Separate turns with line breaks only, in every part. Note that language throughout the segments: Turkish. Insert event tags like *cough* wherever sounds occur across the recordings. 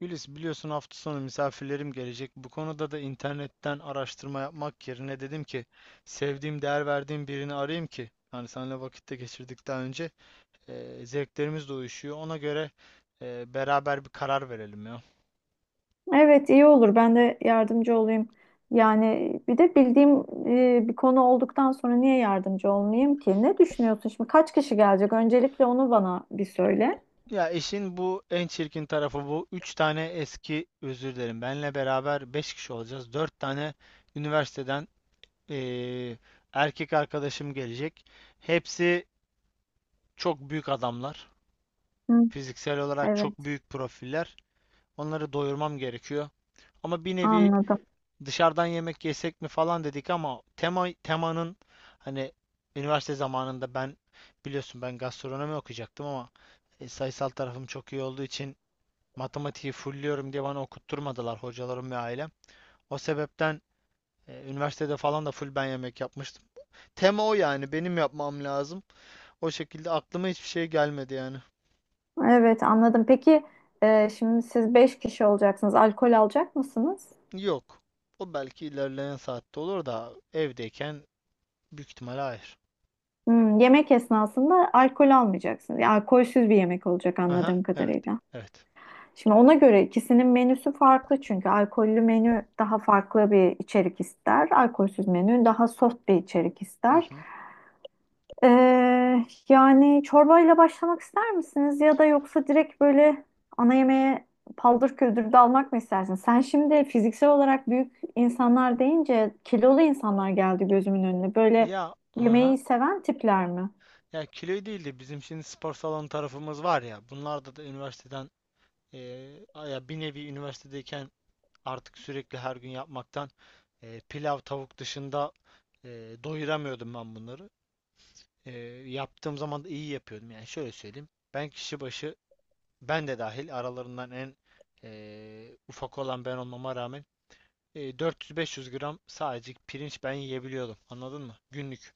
Gülis, biliyorsun hafta sonu misafirlerim gelecek. Bu konuda da internetten araştırma yapmak yerine dedim ki sevdiğim, değer verdiğim birini arayayım ki hani seninle vakitte geçirdikten önce zevklerimiz de uyuşuyor. Ona göre beraber bir karar verelim ya.
Evet, iyi olur, ben de yardımcı olayım. Yani bir de bildiğim bir konu olduktan sonra niye yardımcı olmayayım ki? Ne düşünüyorsun şimdi? Kaç kişi gelecek? Öncelikle onu bana bir söyle.
Ya işin bu en çirkin tarafı bu. Üç tane eski özür dilerim. Benle beraber beş kişi olacağız. Dört tane üniversiteden e, erkek arkadaşım gelecek. Hepsi çok büyük adamlar.
Hı,
Fiziksel olarak
evet,
çok büyük profiller. Onları doyurmam gerekiyor. Ama bir nevi
anladım.
dışarıdan yemek yesek mi falan dedik ama temanın hani üniversite zamanında ben biliyorsun ben gastronomi okuyacaktım ama sayısal tarafım çok iyi olduğu için matematiği fullliyorum diye bana okutturmadılar hocalarım ve ailem. O sebepten üniversitede falan da full ben yemek yapmıştım. Tema o, yani benim yapmam lazım. O şekilde aklıma hiçbir şey gelmedi yani.
Evet, anladım. Peki şimdi siz 5 kişi olacaksınız. Alkol alacak mısınız?
Yok. O belki ilerleyen saatte olur da evdeyken büyük ihtimalle hayır.
Hmm, yemek esnasında alkol almayacaksın. Yani alkolsüz bir yemek olacak
Aha,
anladığım
evet.
kadarıyla.
Evet.
Şimdi ona göre ikisinin menüsü farklı çünkü alkollü menü daha farklı bir içerik ister. Alkolsüz menü daha soft bir içerik ister.
Mhm.
Ee, Yani çorbayla başlamak ister misiniz ya da yoksa direkt böyle ana yemeğe paldır küldür dalmak mı istersin? Sen şimdi fiziksel olarak büyük insanlar deyince kilolu insanlar geldi gözümün önüne. Böyle
Ya, aha.
yemeği seven tipler mi?
Ya kilo değil de bizim şimdi spor salonu tarafımız var ya. Bunlarda da üniversiteden ya bir nevi üniversitedeyken artık sürekli her gün yapmaktan pilav tavuk dışında doyuramıyordum ben bunları. Eee, yaptığım zaman da iyi yapıyordum. Yani şöyle söyleyeyim. Ben kişi başı ben de dahil aralarından en ufak olan ben olmama rağmen 400-500 gram sadece pirinç ben yiyebiliyordum. Anladın mı? Günlük.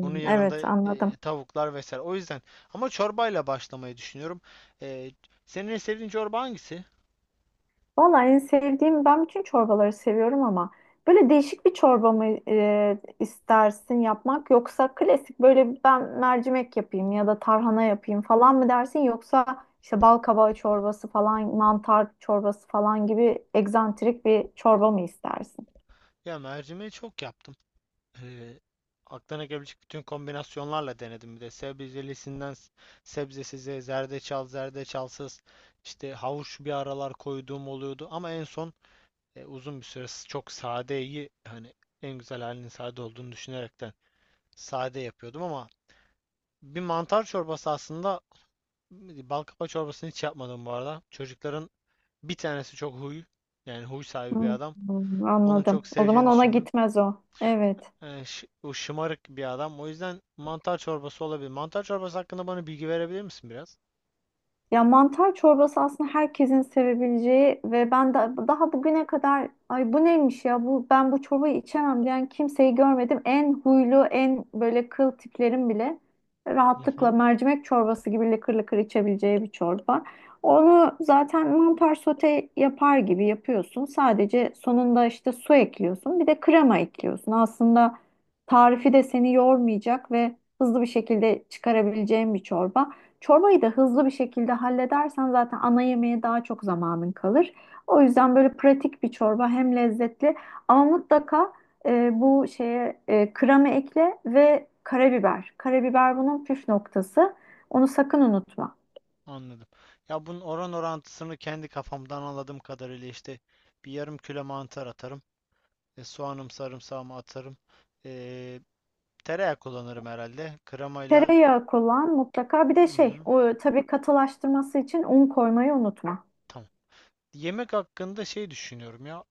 Onun yanında
evet, anladım.
tavuklar vesaire. O yüzden ama çorbayla başlamayı düşünüyorum. E, senin en sevdiğin çorba hangisi?
Vallahi en sevdiğim, ben bütün çorbaları seviyorum ama böyle değişik bir çorba mı istersin yapmak, yoksa klasik böyle ben mercimek yapayım ya da tarhana yapayım falan mı dersin, yoksa işte bal kabağı çorbası falan, mantar çorbası falan gibi egzantrik bir çorba mı istersin?
Ya mercimeği çok yaptım. E, aklına gelebilecek bütün kombinasyonlarla denedim bir de. Sebzelisinden sebzesize, zerdeçal, zerdeçalsız, işte havuç bir aralar koyduğum oluyordu. Ama en son uzun bir süre çok sadeyi hani en güzel halinin sade olduğunu düşünerekten sade yapıyordum ama bir mantar çorbası aslında bal kabağı çorbasını hiç yapmadım bu arada. Çocukların bir tanesi çok huy, yani huy sahibi bir adam.
Hmm,
Onun
anladım.
çok
O zaman
seveceğini
ona
düşünmüyorum.
gitmez o. Evet.
Yani o şımarık bir adam. O yüzden mantar çorbası olabilir. Mantar çorbası hakkında bana bilgi verebilir misin biraz?
Ya mantar çorbası aslında herkesin sevebileceği ve ben de daha bugüne kadar ay bu neymiş ya bu ben bu çorbayı içemem diyen kimseyi görmedim. En huylu en böyle kıl tiplerin bile
Hı
rahatlıkla
hı,
mercimek çorbası gibi lıkır lıkır içebileceği bir çorba. Onu zaten mantar sote yapar gibi yapıyorsun. Sadece sonunda işte su ekliyorsun. Bir de krema ekliyorsun. Aslında tarifi de seni yormayacak ve hızlı bir şekilde çıkarabileceğin bir çorba. Çorbayı da hızlı bir şekilde halledersen zaten ana yemeğe daha çok zamanın kalır. O yüzden böyle pratik bir çorba, hem lezzetli ama mutlaka bu şeye kremi ekle ve karabiber. Karabiber bunun püf noktası. Onu sakın unutma.
anladım. Ya bunun oran orantısını kendi kafamdan anladığım kadarıyla işte bir yarım kilo mantar atarım. Soğanım sarımsağımı atarım. E, tereyağı kullanırım herhalde. Kremayla
Tereyağı kullan mutlaka. Bir de
hı
şey,
hı,
o tabii katılaştırması için un koymayı unutma.
tamam. Yemek hakkında şey düşünüyorum ya.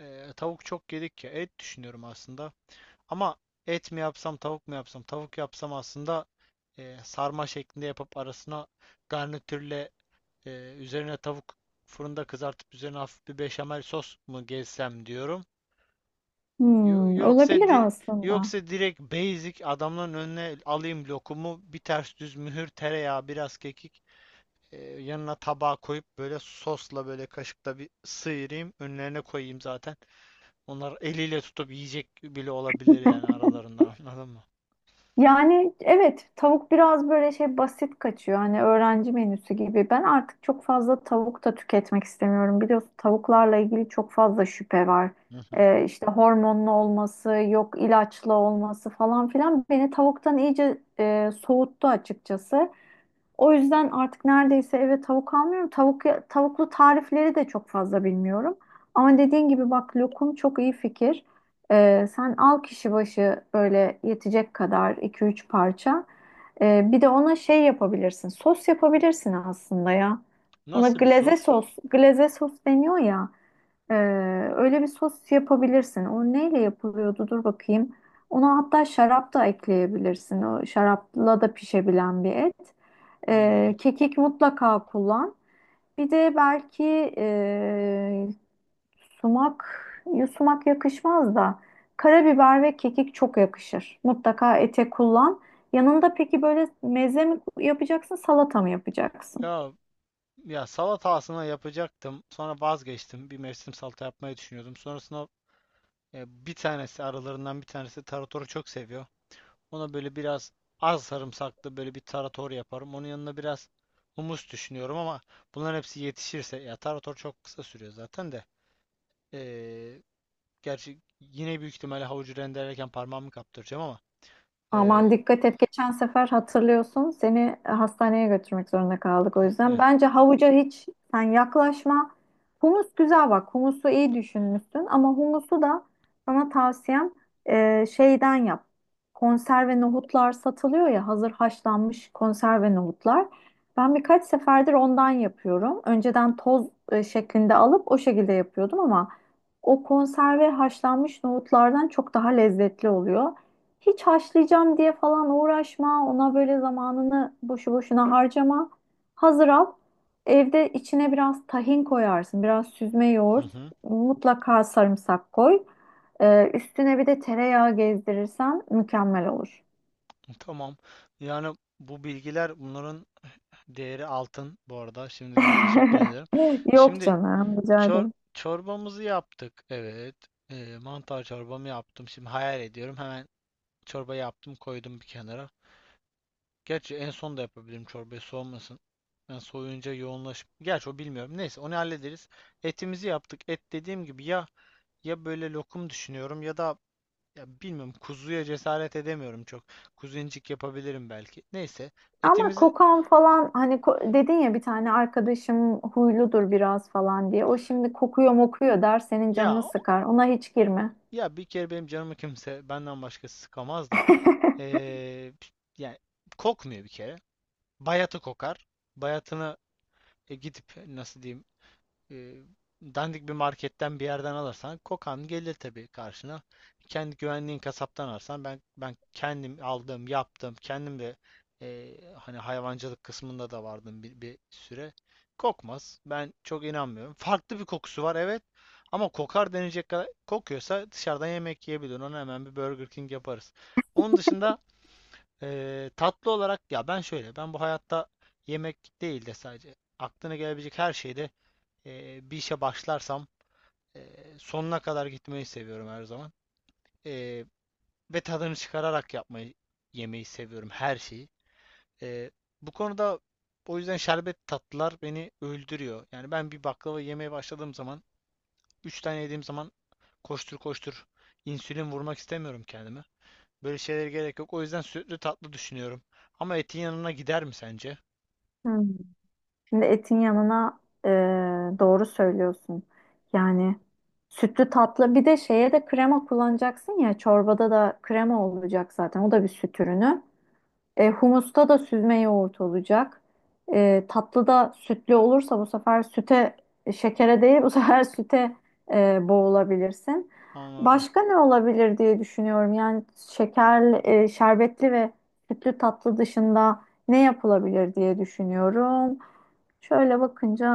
Tavuk çok yedik ya. Et düşünüyorum aslında. Ama et mi yapsam, tavuk mu yapsam? Tavuk yapsam aslında sarma şeklinde yapıp arasına garnitürle üzerine tavuk fırında kızartıp üzerine hafif bir beşamel sos mu gezsem diyorum. Yo-
Hmm,
Yoksa
olabilir
di-
aslında.
yoksa direkt basic adamların önüne alayım lokumu, bir ters düz mühür, tereyağı, biraz kekik. Yanına tabağa koyup böyle sosla böyle kaşıkla bir sıyırayım. Önlerine koyayım zaten. Onlar eliyle tutup yiyecek bile olabilir yani aralarından *laughs* anladın mı?
Yani evet, tavuk biraz böyle şey, basit kaçıyor. Hani öğrenci menüsü gibi. Ben artık çok fazla tavuk da tüketmek istemiyorum. Biliyorsun tavuklarla ilgili çok fazla şüphe var.
Hı hı.
İşte hormonlu olması, yok ilaçlı olması falan filan beni tavuktan iyice soğuttu açıkçası. O yüzden artık neredeyse eve tavuk almıyorum. Tavuklu tarifleri de çok fazla bilmiyorum. Ama dediğin gibi bak, lokum çok iyi fikir. Sen al kişi başı böyle yetecek kadar iki üç parça. Bir de ona şey yapabilirsin. Sos yapabilirsin aslında ya. Ona
Nasıl bir
glaze
sos?
sos, glaze sos deniyor ya. Ee, Öyle bir sos yapabilirsin. O neyle yapılıyordu? Dur bakayım. Ona hatta şarap da ekleyebilirsin. O şarapla da pişebilen bir et.
Anladım.
Kekik mutlaka kullan. Bir de belki e, sumak, ya sumak yakışmaz da karabiber ve kekik çok yakışır. Mutlaka ete kullan. Yanında peki böyle meze mi yapacaksın, salata mı yapacaksın?
Ya ya salata aslında yapacaktım. Sonra vazgeçtim. Bir mevsim salata yapmayı düşünüyordum. Sonrasında bir tanesi aralarından bir tanesi taratoru çok seviyor. Ona böyle biraz az sarımsaklı böyle bir tarator yaparım. Onun yanına biraz humus düşünüyorum ama bunların hepsi yetişirse ya tarator çok kısa sürüyor zaten de. Ee, gerçi yine büyük ihtimalle havucu rendelerken parmağımı kaptıracağım ama
Aman
ee,
dikkat et. Geçen sefer hatırlıyorsun seni hastaneye götürmek zorunda kaldık o yüzden.
eh,
Bence havuca hiç sen yaklaşma. Humus güzel bak. Humusu iyi düşünmüşsün ama humusu da sana tavsiyem şeyden yap. Konserve nohutlar satılıyor ya, hazır haşlanmış konserve nohutlar. Ben birkaç seferdir ondan yapıyorum. Önceden toz şeklinde alıp o şekilde yapıyordum ama o konserve haşlanmış nohutlardan çok daha lezzetli oluyor. Hiç haşlayacağım diye falan uğraşma. Ona böyle zamanını boşu boşuna harcama. Hazır al. Evde içine biraz tahin koyarsın. Biraz süzme
hı
yoğurt.
hı,
Mutlaka sarımsak koy. Üstüne bir de tereyağı gezdirirsen mükemmel olur.
tamam. Yani bu bilgiler bunların değeri altın bu arada. Şimdiden teşekkür
*laughs*
ederim.
Yok
Şimdi
canım, rica
çor
ederim.
çorbamızı yaptık. Evet. Mantar çorbamı yaptım. Şimdi hayal ediyorum. Hemen çorbayı yaptım, koydum bir kenara. Gerçi en son da yapabilirim çorbayı soğumasın. Ben soğuyunca yoğunlaşıp. Gerçi o bilmiyorum. Neyse onu hallederiz. Etimizi yaptık. Et dediğim gibi ya böyle lokum düşünüyorum ya da ya bilmiyorum kuzuya cesaret edemiyorum çok. Kuzincik yapabilirim belki. Neyse
Ama
etimizi
kokan falan, hani dedin ya bir tane arkadaşım huyludur biraz falan diye. O şimdi kokuyor mokuyor der, senin
ya
canını sıkar. Ona hiç girme.
ya bir kere benim canımı kimse benden başkası sıkamaz da
*laughs*
Ee, yani kokmuyor bir kere. Bayatı kokar. Bayatını gidip nasıl diyeyim e, dandik bir marketten bir yerden alırsan kokan gelir tabii karşına. Kendi güvenliğin kasaptan alırsan ben kendim aldım, yaptım. Kendim de hani hayvancılık kısmında da vardım bir süre. Kokmaz. Ben çok inanmıyorum. Farklı bir kokusu var, evet. Ama kokar denecek kadar kokuyorsa dışarıdan yemek yiyebilir. Ona hemen bir Burger King yaparız. Onun dışında tatlı olarak ya ben şöyle ben bu hayatta yemek değil de sadece aklına gelebilecek her şeyde bir işe başlarsam e, sonuna kadar gitmeyi seviyorum her zaman. Ee, ve tadını çıkararak yapmayı, yemeyi seviyorum her şeyi. Ee, bu konuda o yüzden şerbet tatlılar beni öldürüyor. Yani ben bir baklava yemeye başladığım zaman, 3 tane yediğim zaman koştur koştur insülin vurmak istemiyorum kendime. Böyle şeylere gerek yok. O yüzden sütlü tatlı düşünüyorum. Ama etin yanına gider mi sence?
Hı. Şimdi etin yanına e, doğru söylüyorsun. Yani sütlü tatlı, bir de şeye de krema kullanacaksın ya, çorbada da krema olacak zaten, o da bir süt ürünü. E, humusta da süzme yoğurt olacak. E, tatlıda sütlü olursa bu sefer süte, şekere değil bu sefer *laughs* süte boğulabilirsin.
Anladım.
Başka ne olabilir diye düşünüyorum. Yani şekerli, şerbetli ve sütlü tatlı dışında ne yapılabilir diye düşünüyorum. Şöyle bakınca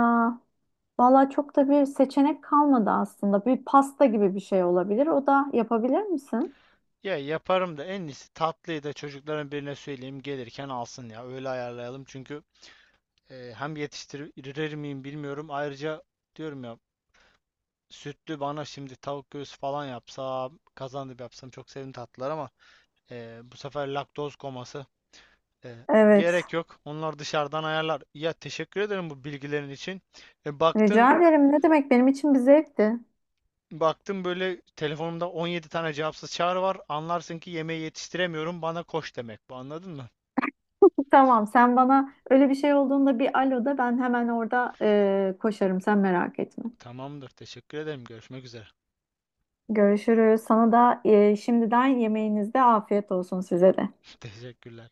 valla çok da bir seçenek kalmadı aslında. Bir pasta gibi bir şey olabilir. O da yapabilir misin?
Ya yaparım da en iyisi tatlıyı da çocukların birine söyleyeyim gelirken alsın ya öyle ayarlayalım çünkü hem yetiştirir miyim bilmiyorum ayrıca diyorum ya sütlü bana şimdi tavuk göğsü falan yapsam kazandıp yapsam çok sevimli tatlılar ama bu sefer laktoz koması e,
Evet.
gerek yok onlar dışarıdan ayarlar ya teşekkür ederim bu bilgilerin için e, baktın
Rica ederim. Ne demek, benim için bir zevkti.
baktım böyle telefonumda 17 tane cevapsız çağrı var anlarsın ki yemeği yetiştiremiyorum bana koş demek bu anladın mı?
*laughs* Tamam, sen bana öyle bir şey olduğunda bir alo da, ben hemen orada koşarım. Sen merak etme.
Tamamdır. Teşekkür ederim. Görüşmek üzere.
Görüşürüz. Sana da şimdiden yemeğinizde afiyet olsun size de.
*laughs* Teşekkürler.